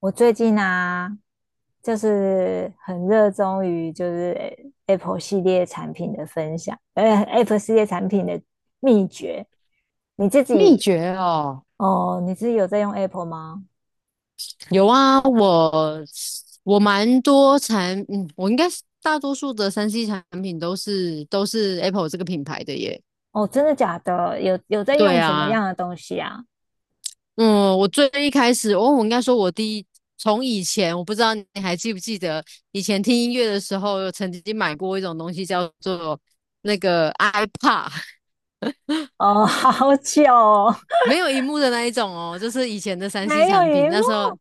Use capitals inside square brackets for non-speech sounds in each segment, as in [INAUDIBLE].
我最近啊，很热衷于Apple 系列产品的分享，Apple 系列产品的秘诀。你自秘己诀哦，哦，你自己有在用 Apple 吗？有啊，我蛮多产，嗯，我应该是大多数的三 C 产品都是 Apple 这个品牌的耶。哦，真的假的？有在对用什么啊，样的东西啊？嗯，我最一开始，哦，我应该说我第一，从以前我不知道你还记不记得，以前听音乐的时候，有曾经买过一种东西叫做那个 iPad 哦，[LAUGHS] 好久哦 没有荧幕的那一种哦，就是以前的 [LAUGHS] 三 C 没有产品，荧幕那时候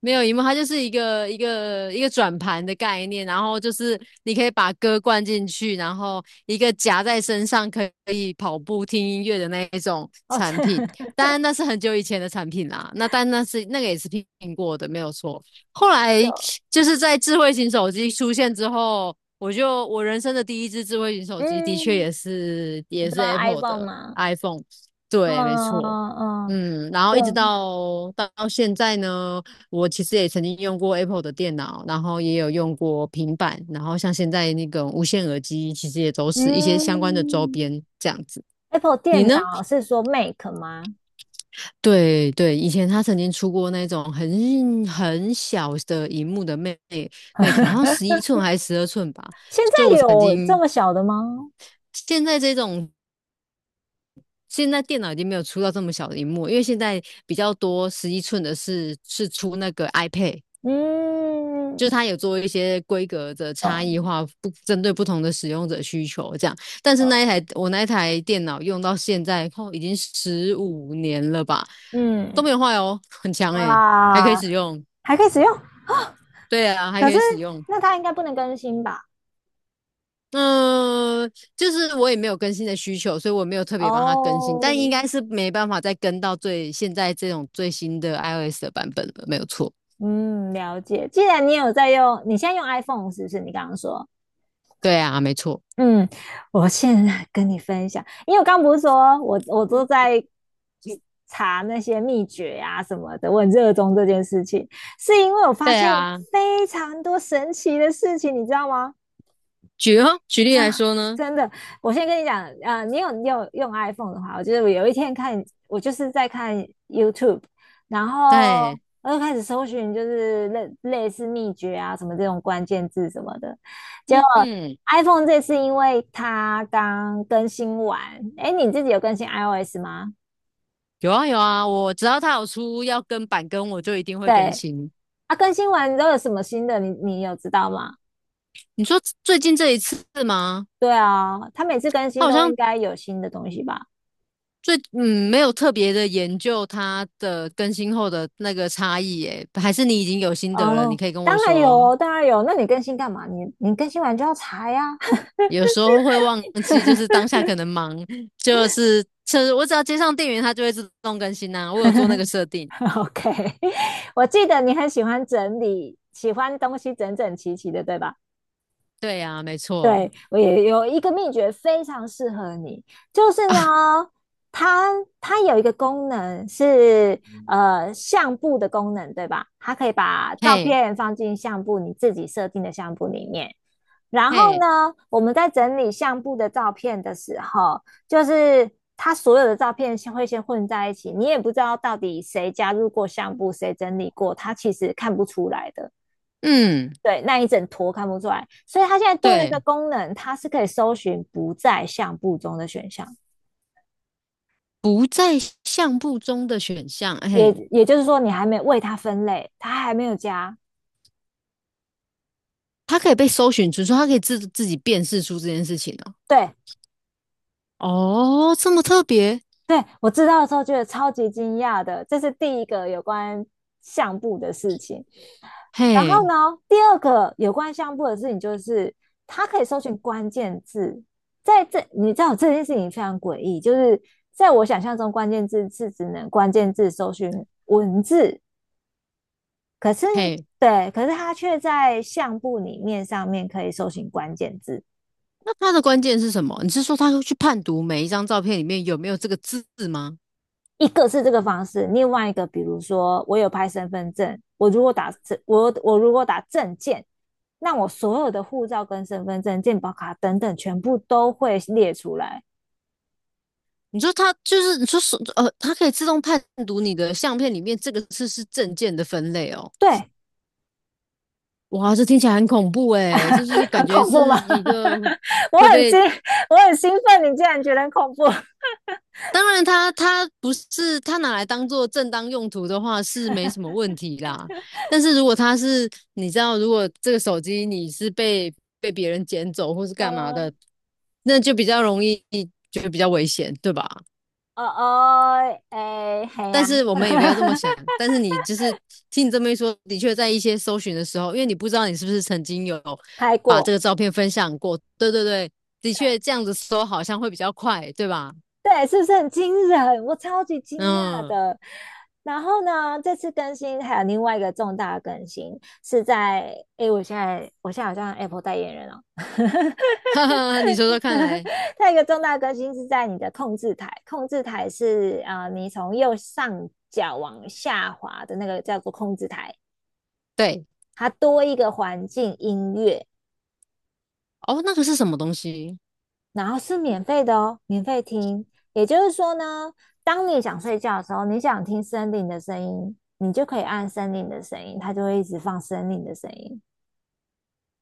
没有荧幕，它就是一个转盘的概念，然后就是你可以把歌灌进去，然后一个夹在身上可以跑步听音乐的那一种哦，产这 [LAUGHS] 品。好当然那是很久以前的产品啦，那但那是那个也是苹果的，没有错。后来久。就是在智慧型手机出现之后，我人生的第一只智慧型 [LAUGHS] 手机，的确嗯，也是你也知是 道 Apple iPhone 的 吗？iPhone，对，没嗯错，嗯，嗯，然后对，一直嗯。到现在呢，我其实也曾经用过 Apple 的电脑，然后也有用过平板，然后像现在那个无线耳机，其实也都是一些相关的周嗯 边这样子。Apple 你电呢？脑是说 Mac 吗？对对，以前他曾经出过那种很小的荧幕的 Mac，好像11寸还是12寸吧。现就在我曾有这经么小的吗？现在这种现在电脑已经没有出到这么小的荧幕，因为现在比较多十一寸的是出那个 iPad，就嗯，是它有做一些规格的差懂异化，不针对不同的使用者需求这样。但是懂，那一台电脑用到现在已经15年了吧，都嗯，没有坏哦，很强诶、欸还可以哇，使用。还可以使用，对啊，还可可是以使用。那它应该不能更新吧？嗯，就是我也没有更新的需求，所以我没有特别帮他更新，哦，但应该是没办法再跟到最现在这种最新的 iOS 的版本了，没有错。嗯，了解。既然你有在用，你现在用 iPhone 是不是？你刚刚说，对啊，没错。嗯，我现在跟你分享。因为我刚不是说我都在查那些秘诀啊什么的，我很热衷这件事情，是因为我发对现啊，非常多神奇的事情，你知道吗？举啊，例来 [LAUGHS] 说呢，真的，我先跟你讲，啊，你有用 iPhone 的话，我就得我有一天看，我就是在看 YouTube，然后对，我就开始搜寻，就是类似秘诀啊什么这种关键字什么的。结嗯果 嗯，iPhone 这次因为它刚更新完，哎，你自己有更新 iOS 吗？有啊有啊，我只要他有出要跟版跟，我就一定会更对，新。啊，更新完都有什么新的？你有知道吗？你说最近这一次吗？对啊，它每次更他新好都应像该有新的东西吧？没有特别的研究它的更新后的那个差异，诶，还是你已经有心得了，你哦，可以跟我当然有说。哦当然有。那你更新干嘛？你更新完就要查呀。有时候会忘记，就是当下可能忙，就是我只要接上电源，它就会自动更新呐、我有做那个设定。[LAUGHS] OK，[LAUGHS] 我记得你很喜欢整理，喜欢东西整整齐齐的，对吧？对呀、没错对，我也有一个秘诀非常适合你，就是啊，呢，它它有一个功能是相簿的功能，对吧？它可以把照嘿片放进相簿，你自己设定的相簿里面。然后嘿，呢，我们在整理相簿的照片的时候，就是它所有的照片会先混在一起，你也不知道到底谁加入过相簿，谁整理过，它其实看不出来的。嗯，对，那一整坨看不出来，所以它现在多了一个对，功能，它是可以搜寻不在相簿中的选项，不在相簿中的选项，也嘿，也就是说，你还没为它分类，它还没有加。它可以被搜寻出，说它可以自己辨识出这件事情哦。对，哦，这么特别，对我知道的时候觉得超级惊讶的，这是第一个有关相簿的事情。然后嘿呢，第二个有关相簿的事情就是它可以搜寻关键字，在这你知道这件事情非常诡异，就是在我想象中，关键字是只能关键字搜寻文字。可是嘿，对，可是他却在相簿里面上面可以搜寻关键字。那它的关键是什么？你是说它会去判读每一张照片里面有没有这个字吗？一个是这个方式，另外一个比如说我有拍身份证，我如果打证，我如果打证件，那我所有的护照跟身份证、健保卡等等，全部都会列出来。你说它就是你说手呃，它可以自动判读你的相片里面这个是证件的分类哦。对 哇，这听起来很恐怖诶，这就是 [LAUGHS]，感很觉恐怖吗 是一个 [LAUGHS]？我会很惊，被。我很兴奋，你竟然觉得很恐怖？当然它不是它拿来当做正当用途的话是没什么问题啦。但是如果它是你知道，如果这个手机你是被别人捡走或是干嘛呃，的，那就比较容易，就比较危险，对吧？哦哦，哎，嘿但呀 是我们也不要这么想。[LAUGHS]、但是你就是听你这么一说，的确在一些搜寻的时候，因为你不知道你是不是曾经有拍把过，这个照片分享过。对对对，的确这样子搜好像会比较快，对吧？对，是不是很惊人？我超级惊讶嗯，的。然后呢，这次更新还有另外一个重大的更新是在，诶，我现在好像 Apple 代言人哦。[LAUGHS] 哈 [LAUGHS] 哈，你说说看来，它有一个重大的更新是在你的控制台，控制台是啊、你从右上角往下滑的那个叫做控制台，对它多一个环境音乐，哦，那个是什么东西然后是免费的哦，免费听。也就是说呢，当你想睡觉的时候，你想听森林的声音，你就可以按森林的声音，它就会一直放森林的声音。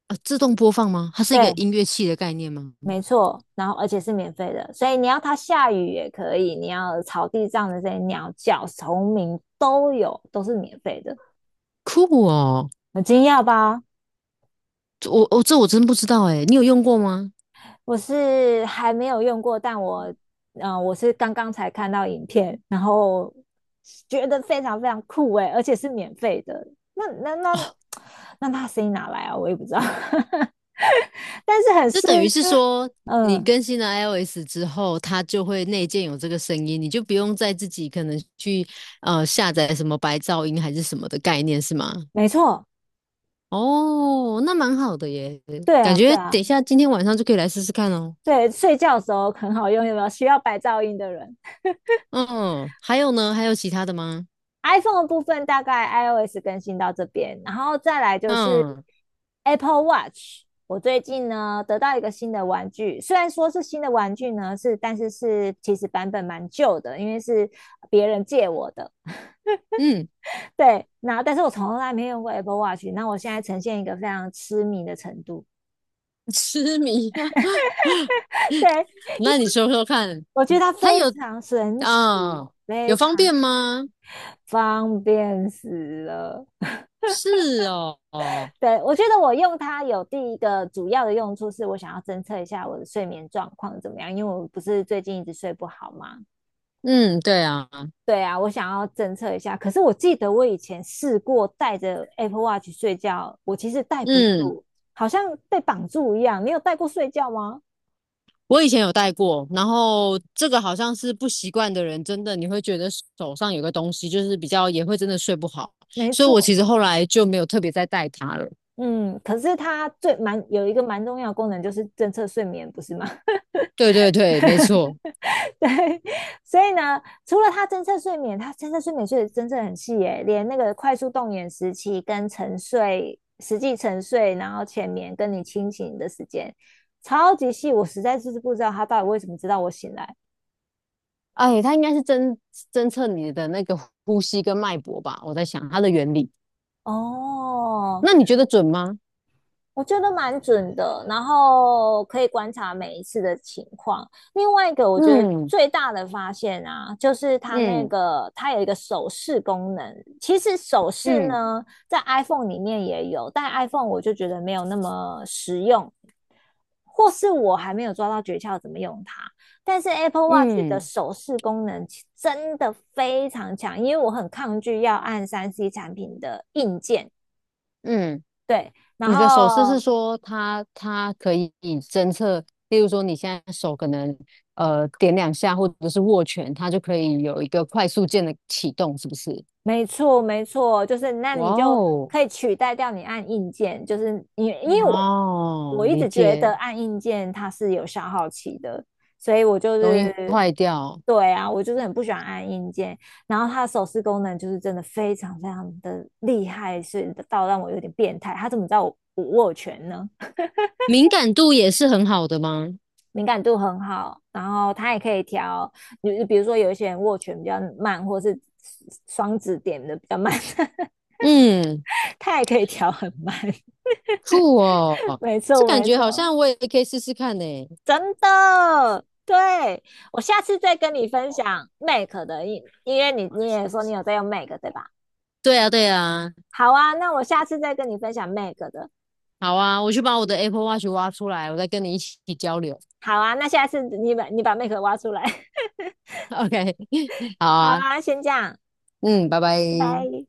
啊？自动播放吗？它是一个对，音乐器的概念吗？没错。然后而且是免费的，所以你要它下雨也可以，你要草地上的这些鸟叫、虫鸣都有，都是免费的。酷哦，很惊讶吧？这我真不知道哎，你有用过吗？我是还没有用过，但我，我是刚刚才看到影片，然后觉得非常非常酷诶，而且是免费的。那那 [TSK] 那那声音哪来啊？我也不知道，[LAUGHS] 但是很就适，等于是说，你嗯，更新了 iOS 之后，它就会内建有这个声音，你就不用再自己可能去下载什么白噪音还是什么的概念是吗？没错，哦，那蛮好的耶，对感啊，对觉等啊，一下今天晚上就可以来试试看哦。对，睡觉的时候很好用，有没有需要白噪音的人？嗯，还有呢？还有其他的吗？iPhone 的部分大概 iOS 更新到这边，然后再来就是 嗯 Apple Watch。我最近呢得到一个新的玩具，虽然说是新的玩具呢，但是其实版本蛮旧的，因为是别人借我的。嗯，对，那但是我从来没用过 Apple Watch，那我现在呈现一个非常痴迷的程度。[LAUGHS] 痴迷啊 [LAUGHS] 对，那你说说看，我觉得它它非有常神奇，啊、非有方常便神吗？方便死了。[LAUGHS] 是哦，哦，对，我觉得我用它有第一个主要的用处是我想要侦测一下我的睡眠状况怎么样，因为我不是最近一直睡不好嘛。嗯，对啊，对啊，我想要侦测一下。可是我记得我以前试过带着 Apple Watch 睡觉，我其实戴不嗯。住，好像被绑住一样。你有戴过睡觉吗？我以前有戴过，然后这个好像是不习惯的人，真的你会觉得手上有个东西，就是比较也会真的睡不好，没所以我错，其实后来就没有特别再戴它了。嗯。可是它最蛮有一个蛮重要的功能就是侦测睡眠，不是吗？对对对，没错。[LAUGHS] 对，所以呢，除了他侦测睡眠，他侦测睡眠睡得真正很细耶，连那个快速动眼时期跟沉睡、实际沉睡，然后浅眠跟你清醒的时间，超级细，我实在是不知道他到底为什么知道我醒来。哎，它应该是侦测你的那个呼吸跟脉搏吧，我在想它的原理。哦，那你觉得准吗？我觉得蛮准的，然后可以观察每一次的情况。另外一个，我觉得嗯最大的发现啊，就是它那嗯个它有一个手势功能。其实手势嗯呢，在 iPhone 里面也有，但 iPhone 我就觉得没有那么实用，或是我还没有抓到诀窍怎么用它。但是 Apple Watch 的嗯手势功能真的非常强，因为我很抗拒要按三C 产品的硬件。嗯。对，然你的手势是后说它可以侦测，例如说你现在手可能点两下或者是握拳，它就可以有一个快速键的启动，是不是？没错，没错，就是那哇你就哦，可以取代掉你按硬件，就是你，因为我哦，一理直觉得解，按硬件它是有消耗期的，所以我就容易是坏掉，对啊，我就是很不喜欢按硬件。然后它的手势功能就是真的非常非常的厉害，是到让我有点变态。它怎么知道我握拳呢？敏感度也是很好的吗？敏感度很好，然后它也可以调，比如说有一些人握拳比较慢，或是双指点的比较慢。[LAUGHS] 嗯，它也可以调很慢。酷哦，[LAUGHS] 没这错，感没觉好错，像我也可以试试看呢。真的。对，我下次再跟你分享 m a k 的，因为你也说你有在用 m a k 对吧？对啊，对啊，好啊，那我下次再跟你分享 m a k 的。好啊，我去把我的 Apple Watch 挖出来，我再跟你一起交流。好啊，那下次你把 m a k 挖出来。[LAUGHS] [LAUGHS] OK，好好啊，啊，先这样，嗯，拜拜。拜拜。